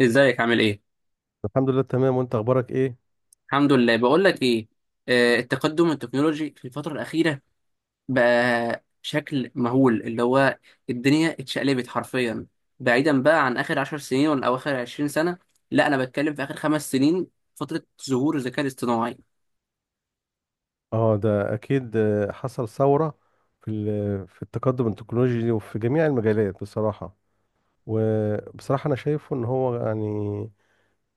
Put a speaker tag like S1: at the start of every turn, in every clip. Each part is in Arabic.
S1: ازيك عامل ايه؟
S2: الحمد لله تمام، وانت اخبارك ايه؟
S1: الحمد لله، بقول لك ايه. التقدم التكنولوجي في الفترة الأخيرة بقى شكل مهول، اللي هو الدنيا اتشقلبت حرفيا. بعيدا بقى عن آخر عشر سنين ولا أو آخر عشرين سنة، لا أنا بتكلم في آخر خمس سنين، فترة ظهور الذكاء الاصطناعي.
S2: اه، ده اكيد، حصل ثورة في التقدم التكنولوجي وفي جميع المجالات بصراحة. وبصراحة انا شايفه ان هو يعني،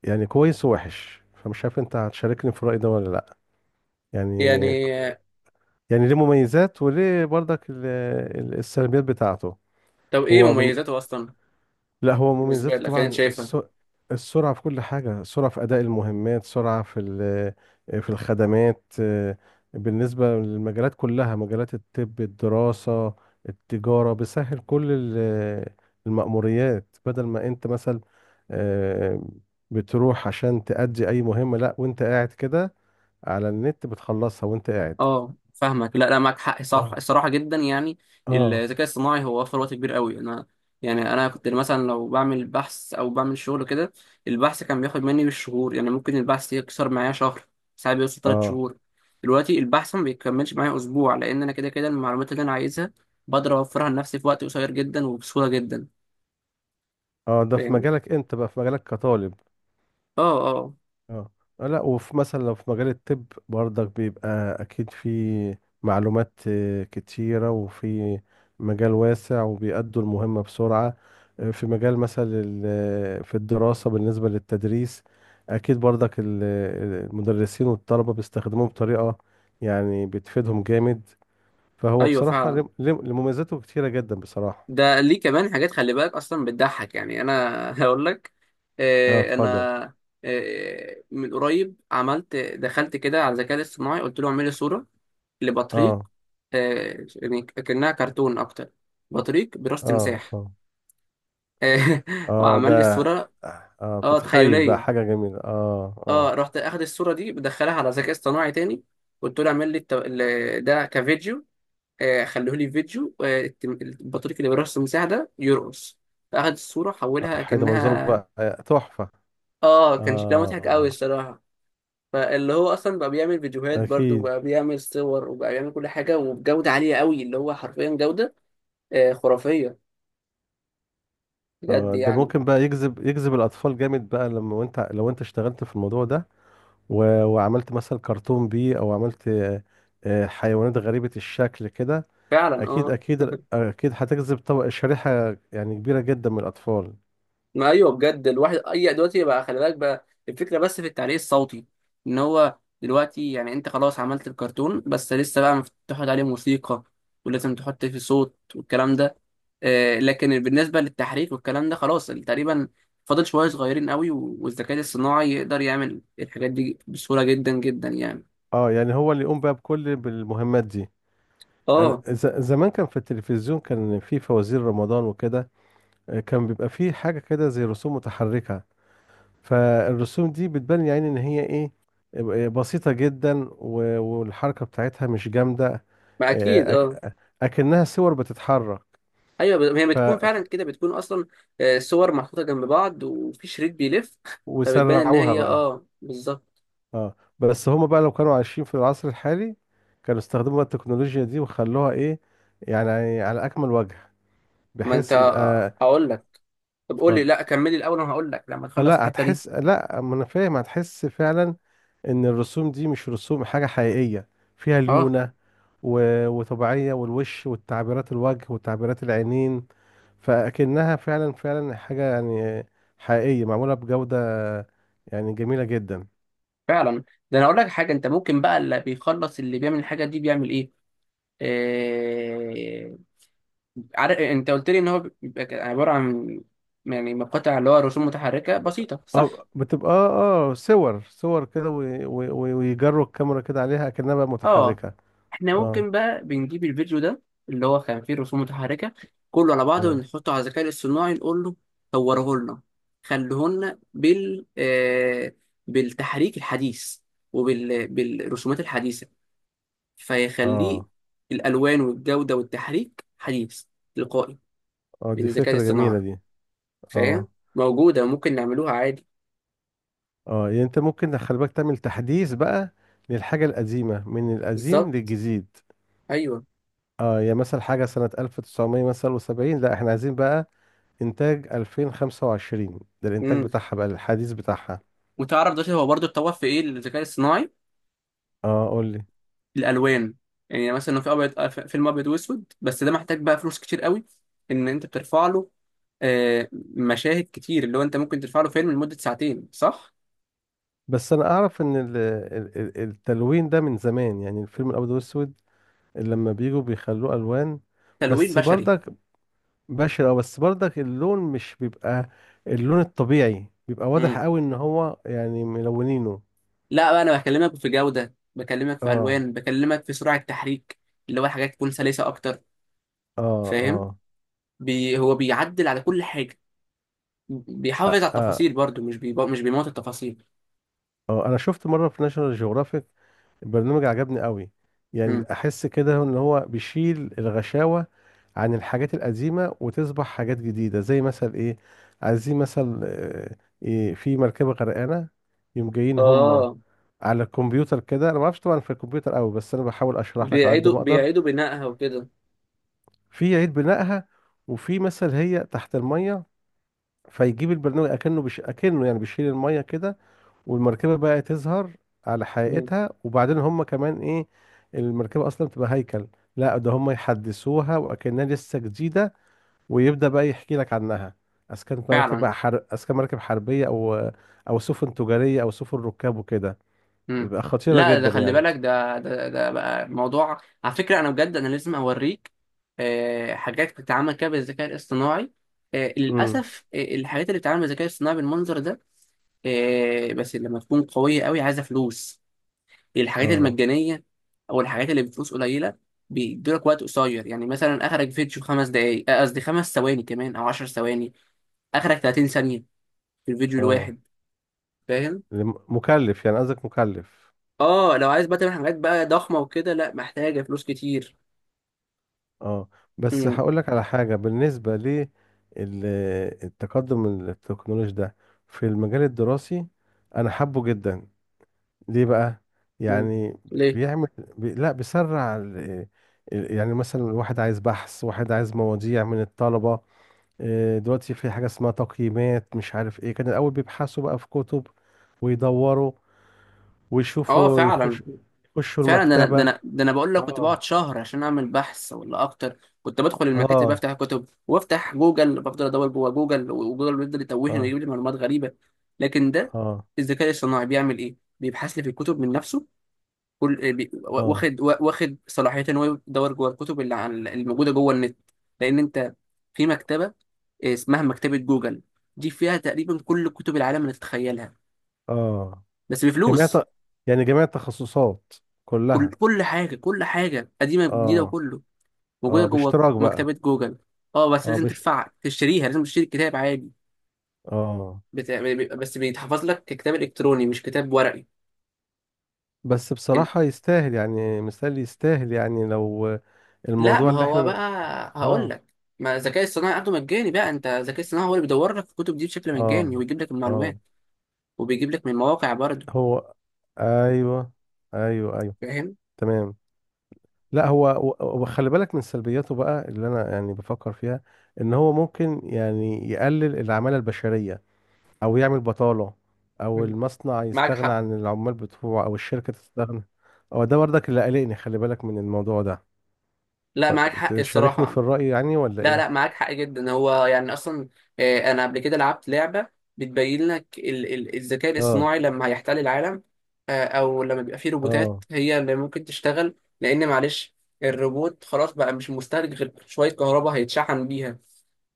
S2: يعني كويس ووحش، فمش عارف انت هتشاركني في الرأي ده ولا لا. يعني
S1: يعني آه،
S2: يعني ليه مميزات، وليه برضك السلبيات بتاعته.
S1: طب ايه
S2: هو من
S1: مميزاته أصلا
S2: لا، هو
S1: بالنسبة
S2: مميزاته
S1: لك، يعني أنت
S2: طبعا
S1: شايفها؟
S2: السرعة في كل حاجة، سرعة في أداء المهمات، سرعة في الخدمات، بالنسبة للمجالات كلها، مجالات الطب، الدراسة، التجارة. بيسهل كل المأموريات، بدل ما أنت مثلا، آه، بتروح عشان تأدي أي مهمة، لا وأنت قاعد كده على النت بتخلصها وأنت قاعد.
S1: اه فاهمك، لا لا، معاك حق صح
S2: اه.
S1: الصراحه، جدا يعني.
S2: اه.
S1: الذكاء الصناعي هو وفر وقت كبير قوي. انا يعني انا كنت مثلا لو بعمل بحث او بعمل شغل كده، البحث كان بياخد مني بالشهور، يعني ممكن البحث يكسر معايا شهر، ساعات بيوصل ثلاث
S2: اه.
S1: شهور. دلوقتي البحث ما بيكملش معايا اسبوع، لان انا كده كده المعلومات اللي انا عايزها بقدر اوفرها لنفسي في وقت قصير جدا وبسهوله جدا.
S2: اه، ده في
S1: فاهم.
S2: مجالك أنت بقى، في مجالك كطالب.
S1: اه اه.
S2: اه. لا، وفي مثلا لو في مجال الطب برضك بيبقى اكيد في معلومات كتيرة، وفي مجال واسع، وبيأدوا المهمة بسرعة. في مجال مثلا في الدراسة، بالنسبة للتدريس اكيد برضك المدرسين والطلبة بيستخدموه بطريقة يعني بتفيدهم جامد. فهو
S1: ايوه
S2: بصراحة
S1: فعلا.
S2: لمميزاته كتيرة جدا بصراحة.
S1: ده ليه كمان حاجات، خلي بالك اصلا بتضحك، يعني انا هقول لك.
S2: اه،
S1: آه، انا
S2: اتفضل.
S1: آه، من قريب عملت، دخلت كده على الذكاء الاصطناعي قلت له اعمل لي صوره لبطريق،
S2: اه.
S1: يعني كأنها كرتون اكتر، بطريق براس
S2: اه.
S1: تمساح.
S2: اه.
S1: آه،
S2: اه،
S1: وعمل لي
S2: ده.
S1: الصوره.
S2: اه،
S1: اه
S2: بتتخيل بقى
S1: تخيليه.
S2: حاجة جميلة. اه. اه.
S1: اه رحت اخد الصوره دي بدخلها على ذكاء اصطناعي تاني، قلت له اعمل لي ده كفيديو. خلوه لي فيديو، البطريق اللي برأس المساحة ده يرقص. فأخد الصورة حولها
S2: حيدة منظره
S1: كأنها،
S2: بقى، تحفة.
S1: كان شكلها مضحك أوي
S2: اه.
S1: الصراحة. فاللي هو أصلا بقى بيعمل فيديوهات
S2: اه،
S1: برضه،
S2: اكيد.
S1: وبقى بيعمل صور، وبقى بيعمل كل حاجة وبجودة عالية أوي، اللي هو حرفيا جودة خرافية، بجد
S2: آه، ده
S1: يعني.
S2: ممكن بقى يجذب، يجذب الاطفال جامد بقى لما، وانت لو انت اشتغلت في الموضوع ده وعملت مثلا كرتون بيه، او عملت حيوانات غريبة الشكل كده.
S1: فعلا
S2: اكيد اكيد اكيد هتجذب طبق، شريحة يعني كبيرة جدا من الاطفال.
S1: ما ايوه، بجد. الواحد اي دلوقتي بقى، خلي بالك بقى، الفكره بس في التعليق الصوتي. ان هو دلوقتي يعني انت خلاص عملت الكرتون، بس لسه بقى تحط عليه موسيقى، ولازم تحط فيه صوت والكلام ده. آه، لكن بالنسبه للتحريك والكلام ده خلاص تقريبا، فاضل شويه صغيرين قوي، والذكاء الصناعي يقدر يعمل الحاجات دي بسهوله جدا جدا يعني.
S2: اه، يعني هو اللي يقوم بقى بكل، بالمهمات دي.
S1: اه
S2: زمان كان في التلفزيون، كان في فوازير رمضان وكده، كان بيبقى فيه حاجة كده زي رسوم متحركة. فالرسوم دي بتبان يعني إن هي إيه، بسيطة جدا والحركة بتاعتها مش جامدة.
S1: ما اكيد
S2: آه،
S1: اه.
S2: أك- أكنها صور بتتحرك.
S1: ايوه، هي
S2: ف...
S1: بتكون
S2: ف-
S1: فعلا كده، بتكون اصلا صور محطوطه جنب بعض وفي شريط بيلف فبتبان ان
S2: وسرعوها
S1: هي
S2: بقى.
S1: اه بالظبط.
S2: اه، بس هما بقى لو كانوا عايشين في العصر الحالي كانوا استخدموا بقى التكنولوجيا دي وخلوها إيه، يعني على أكمل وجه،
S1: ما انت
S2: بحيث يبقى.
S1: هقول لك، طب قول لي،
S2: اتفضل.
S1: لا كملي الاول وانا هقول لك لما تخلص
S2: لا،
S1: الحته دي.
S2: هتحس، لا ما أنا فاهم، هتحس فعلا ان الرسوم دي مش رسوم حاجة حقيقية فيها
S1: اه
S2: ليونة وطبيعية، والوش والتعبيرات، الوجه، وتعبيرات العينين. فأكنها فعلا، فعلا حاجة يعني حقيقية معمولة بجودة، يعني جميلة جدا.
S1: فعلا. ده انا اقول لك حاجه، انت ممكن بقى اللي بيخلص اللي بيعمل الحاجه دي بيعمل ايه. آه... عارف انت قلت لي ان هو بيبقى عباره عن، يعني مقاطع اللي هو رسوم متحركه بسيطه، صح؟
S2: اه بتبقى اه، صور، صور كده ويجروا الكاميرا كده عليها أكنها بقى
S1: اه
S2: متحركة.
S1: احنا
S2: اه.
S1: ممكن بقى بنجيب الفيديو ده اللي هو كان فيه رسوم متحركة، كله على بعضه،
S2: اه.
S1: ونحطه على الذكاء الاصطناعي نقول له صوره لنا، خليه لنا بال بالتحريك الحديث، بالرسومات الحديثة. فيخليه
S2: اه.
S1: الألوان والجودة والتحريك حديث، تلقائي،
S2: اه،
S1: من
S2: دي
S1: الذكاء
S2: فكرة
S1: الاصطناعي.
S2: جميلة دي.
S1: فاهم.
S2: اه.
S1: موجودة، ممكن نعملوها عادي.
S2: اه، يعني انت ممكن خلي بالك تعمل تحديث بقى للحاجة القديمة، من القديم
S1: بالظبط،
S2: للجديد.
S1: أيوه.
S2: اه، يا مثلا حاجة سنة 1900 مثلا وسبعين، لا احنا عايزين بقى انتاج 2025، ده الانتاج
S1: امم.
S2: بتاعها بقى، الحديث بتاعها.
S1: وتعرف دلوقتي هو برضه اتطور في إيه الذكاء الاصطناعي؟
S2: اه، قول لي.
S1: الالوان. يعني مثلا لو في ابيض، فيلم ابيض واسود، بس ده محتاج بقى فلوس كتير قوي، ان انت بترفع له آه، مشاهد كتير، اللي هو انت ممكن ترفع له فيلم لمده ساعتين، صح؟
S2: بس انا اعرف ان التلوين ده من زمان، يعني الفيلم الابيض والاسود لما بيجوا بيخلوه الوان،
S1: تلوين
S2: بس
S1: بشري.
S2: برضك بشع أوي، بس برضك اللون مش بيبقى اللون الطبيعي، بيبقى واضح
S1: مم.
S2: قوي ان هو يعني ملونينه.
S1: لا بقى، انا بكلمك في جوده، بكلمك في
S2: اه.
S1: الوان، بكلمك في سرعه تحريك، اللي هو حاجات تكون سلسه اكتر.
S2: اه.
S1: فاهم.
S2: اه.
S1: هو بيعدل على كل حاجه، بيحافظ
S2: آه.
S1: على
S2: آه.
S1: التفاصيل برضو، مش بيموت التفاصيل.
S2: انا شفت مرة في ناشونال جيوغرافيك، البرنامج عجبني قوي،
S1: مم.
S2: يعني احس كده ان هو بيشيل الغشاوة عن الحاجات القديمة وتصبح حاجات جديدة. زي مثلا ايه، عايزين مثلا، إيه، في مركبة غرقانة، يوم جايين هما
S1: اه.
S2: على الكمبيوتر كده. انا ما اعرفش طبعا في الكمبيوتر قوي، بس انا بحاول اشرح لك على قد
S1: بيعيدوا
S2: ما اقدر.
S1: بيعيدوا بنائها وكده.
S2: في عيد بنائها، وفي مثلا هي تحت المية، فيجيب البرنامج اكنه يعني بيشيل المية كده، والمركبة بقى تظهر على
S1: مم.
S2: حقيقتها. وبعدين هم كمان ايه، المركبة اصلا تبقى هيكل، لا ده هم يحدثوها وكأنها لسه جديدة، ويبدأ بقى يحكي لك عنها، اذا كانت مركب
S1: فعلا.
S2: بقى اذا كان مركب حربية، او او سفن تجارية او سفن ركاب وكده،
S1: مم.
S2: يبقى خطيرة
S1: لا ده،
S2: جدا
S1: خلي
S2: يعني.
S1: بالك، ده بقى موضوع على فكرة، أنا بجد أنا لازم أوريك حاجات بتتعمل كده بالذكاء الاصطناعي.
S2: امم.
S1: للأسف الحاجات اللي بتتعمل بالذكاء الاصطناعي بالمنظر ده، بس لما تكون قوية قوي، عايزة فلوس. الحاجات
S2: اه.
S1: المجانية أو الحاجات اللي بفلوس قليلة بيدولك وقت قصير، يعني مثلا أخرج فيديو خمس دقايق، قصدي خمس ثواني كمان أو عشر ثواني، أخرج 30 ثانية في الفيديو
S2: اه.
S1: الواحد. فاهم؟
S2: مكلف يعني، قصدك مكلف.
S1: اه لو عايز بقى تعمل حاجات بقى ضخمة وكده، لا محتاجة فلوس كتير.
S2: اه، بس
S1: امم.
S2: هقول لك على حاجة، بالنسبة للتقدم التكنولوجي ده في المجال الدراسي، أنا حابه جدا. ليه بقى؟
S1: أمم.
S2: يعني
S1: ليه.
S2: بيعمل لا، بيسرع يعني مثلا واحد عايز بحث، واحد عايز مواضيع من الطلبة. دلوقتي في حاجة اسمها تقييمات، مش عارف ايه. كان الأول بيبحثوا بقى في كتب ويدوروا
S1: اه
S2: ويشوفوا،
S1: فعلا.
S2: يخش، يخشوا
S1: فعلا، ده انا ده
S2: المكتبة.
S1: انا ده انا بقول لك، كنت
S2: اه.
S1: بقعد شهر عشان اعمل بحث ولا اكتر، كنت بدخل المكاتب
S2: اه.
S1: بفتح كتب، وافتح جوجل بفضل ادور جوه جوجل، وجوجل بيفضل يتوهني
S2: اه.
S1: ويجيب لي معلومات غريبه. لكن ده
S2: اه.
S1: الذكاء الاصطناعي بيعمل ايه؟ بيبحث لي في الكتب من نفسه، كل
S2: اه.
S1: واخد، واخد صلاحيه ان هو يدور جوه الكتب اللي الموجوده جوه النت. لان انت في مكتبه اسمها مكتبه جوجل، دي فيها تقريبا كل كتب العالم اللي تتخيلها،
S2: اه.
S1: بس
S2: جميع
S1: بفلوس.
S2: يعني جميع التخصصات
S1: كل
S2: كلها.
S1: كل حاجة، كل حاجة قديمة جديدة،
S2: اه.
S1: وكله موجودة
S2: اه،
S1: جوه
S2: باشتراك بقى.
S1: مكتبة جوجل. اه بس
S2: اه.
S1: لازم
S2: بش
S1: تدفع تشتريها، لازم تشتري الكتاب عادي.
S2: اه.
S1: بت... بس بيتحفظ لك ككتاب إلكتروني مش كتاب ورقي.
S2: بس
S1: إن-
S2: بصراحة يستاهل، يعني مثال يستاهل يعني لو
S1: لا
S2: الموضوع
S1: ما
S2: اللي
S1: هو
S2: احنا.
S1: بقى، هقول
S2: اه.
S1: لك، ما الذكاء الصناعي عنده مجاني بقى، انت الذكاء الصناعي هو اللي بيدور لك الكتب دي بشكل
S2: اه.
S1: مجاني، ويجيب لك
S2: اه
S1: المعلومات، وبيجيب لك من مواقع برضه.
S2: هو. ايوه. ايوه ايوه.
S1: فاهم.
S2: تمام. لا، هو وخلي بالك من سلبياته بقى، اللي انا يعني بفكر فيها، ان هو ممكن يعني يقلل العمالة البشرية، او يعمل بطالة، او
S1: مم.
S2: المصنع
S1: معاك
S2: يستغنى
S1: حق.
S2: عن العمال بتوعه، او الشركة تستغنى. هو ده برضك اللي قلقني، خلي بالك من الموضوع ده.
S1: لا معاك حق
S2: تشاركني في
S1: الصراحة.
S2: الرأي يعني ولا
S1: لا
S2: ايه؟
S1: لا، معاك حق جدا، هو يعني اصلا، انا قبل كده لعبت لعبه بتبين لك الذكاء
S2: اه.
S1: الاصطناعي لما هيحتل العالم، او لما بيبقى فيه
S2: اه.
S1: روبوتات هي اللي ممكن تشتغل. لان معلش، الروبوت خلاص بقى مش مستهلك غير شويه كهرباء هيتشحن بيها.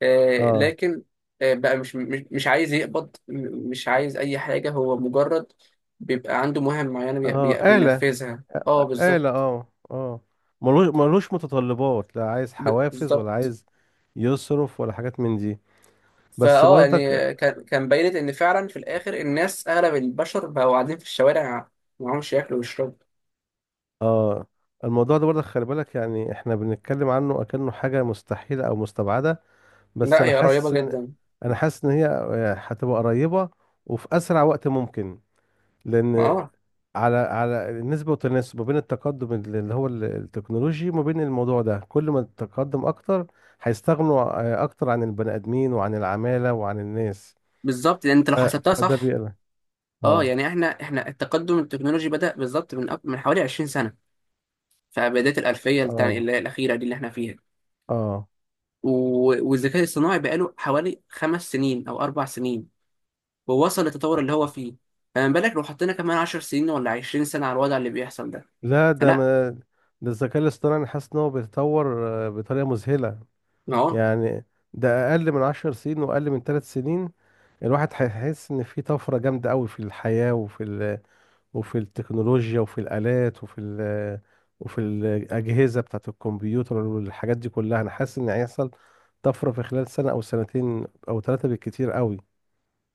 S1: آه،
S2: اه.
S1: لكن آه، بقى مش عايز يقبض، مش عايز اي حاجه، هو مجرد بيبقى عنده مهام معينه
S2: اه، آلة.
S1: بينفذها. اه
S2: آلة.
S1: بالظبط.
S2: اه. اه. ملوش، ملوش متطلبات، لا عايز حوافز ولا
S1: بالظبط.
S2: عايز يصرف ولا حاجات من دي. بس
S1: فاه
S2: برضك،
S1: يعني كان بينت ان فعلا في الاخر الناس، اغلب البشر بقوا قاعدين في الشوارع معهمش ياكلوا ويشربوا.
S2: اه، الموضوع ده برضك خلي بالك، يعني احنا بنتكلم عنه اكنه حاجة مستحيلة او مستبعدة، بس
S1: لا
S2: انا
S1: هي قريبه
S2: حاسس ان،
S1: جدا.
S2: انا حاسس ان هي هتبقى قريبة، وفي اسرع وقت ممكن.
S1: ما
S2: لان
S1: اه.
S2: على، على النسبة والتناسب ما بين التقدم اللي هو التكنولوجي، وما بين الموضوع ده، كل ما التقدم اكتر هيستغنوا اكتر عن البني ادمين وعن العمالة وعن الناس.
S1: بالظبط، لان انت لو حسبتها
S2: فده
S1: صح.
S2: بيقلق.
S1: اه
S2: اه.
S1: يعني احنا التقدم التكنولوجي بدأ بالظبط من من حوالي 20 سنه، في بدايه الالفيه
S2: اه.
S1: اللي هي الاخيره دي اللي احنا فيها.
S2: اه.
S1: والذكاء الصناعي بقاله حوالي خمس سنين او اربع سنين، ووصل للتطور اللي هو فيه. فما بالك لو حطينا كمان 10 سنين ولا 20 سنه على الوضع اللي بيحصل ده؟
S2: لا ده
S1: فلا.
S2: ما، ده الذكاء الاصطناعي أنا حاسس ان هو بيتطور بطريقه مذهله
S1: اه
S2: يعني. ده اقل من عشر سنين واقل من ثلاث سنين، الواحد هيحس ان في طفره جامده قوي في الحياه وفي التكنولوجيا وفي الالات وفي الاجهزه بتاعه الكمبيوتر والحاجات دي كلها. انا حاسس ان هيحصل طفره في خلال سنه او سنتين او ثلاثه بالكتير قوي.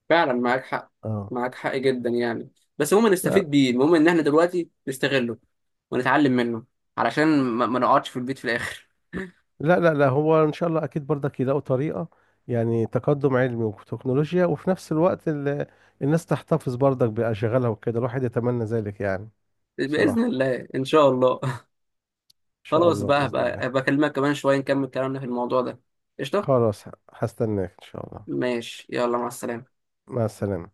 S1: فعلا معاك حق،
S2: اه.
S1: معاك حق جدا يعني. بس المهم
S2: لا
S1: نستفيد بيه، المهم ان احنا دلوقتي نستغله ونتعلم منه، علشان ما نقعدش في البيت في الاخر.
S2: لا لا، لا، هو ان شاء الله اكيد برضك يلاقوا طريقه، يعني تقدم علمي وتكنولوجيا، وفي نفس الوقت الناس تحتفظ برضك باشغالها وكده، الواحد يتمنى ذلك يعني.
S1: باذن
S2: بصراحه.
S1: الله ان شاء الله.
S2: ان شاء
S1: خلاص
S2: الله
S1: بقى،
S2: باذن الله.
S1: هبقى اكلمك كمان شويه نكمل كلامنا في الموضوع ده. قشطه.
S2: خلاص. هستناك ان شاء الله.
S1: ماشي، يلا مع السلامه.
S2: مع السلامة.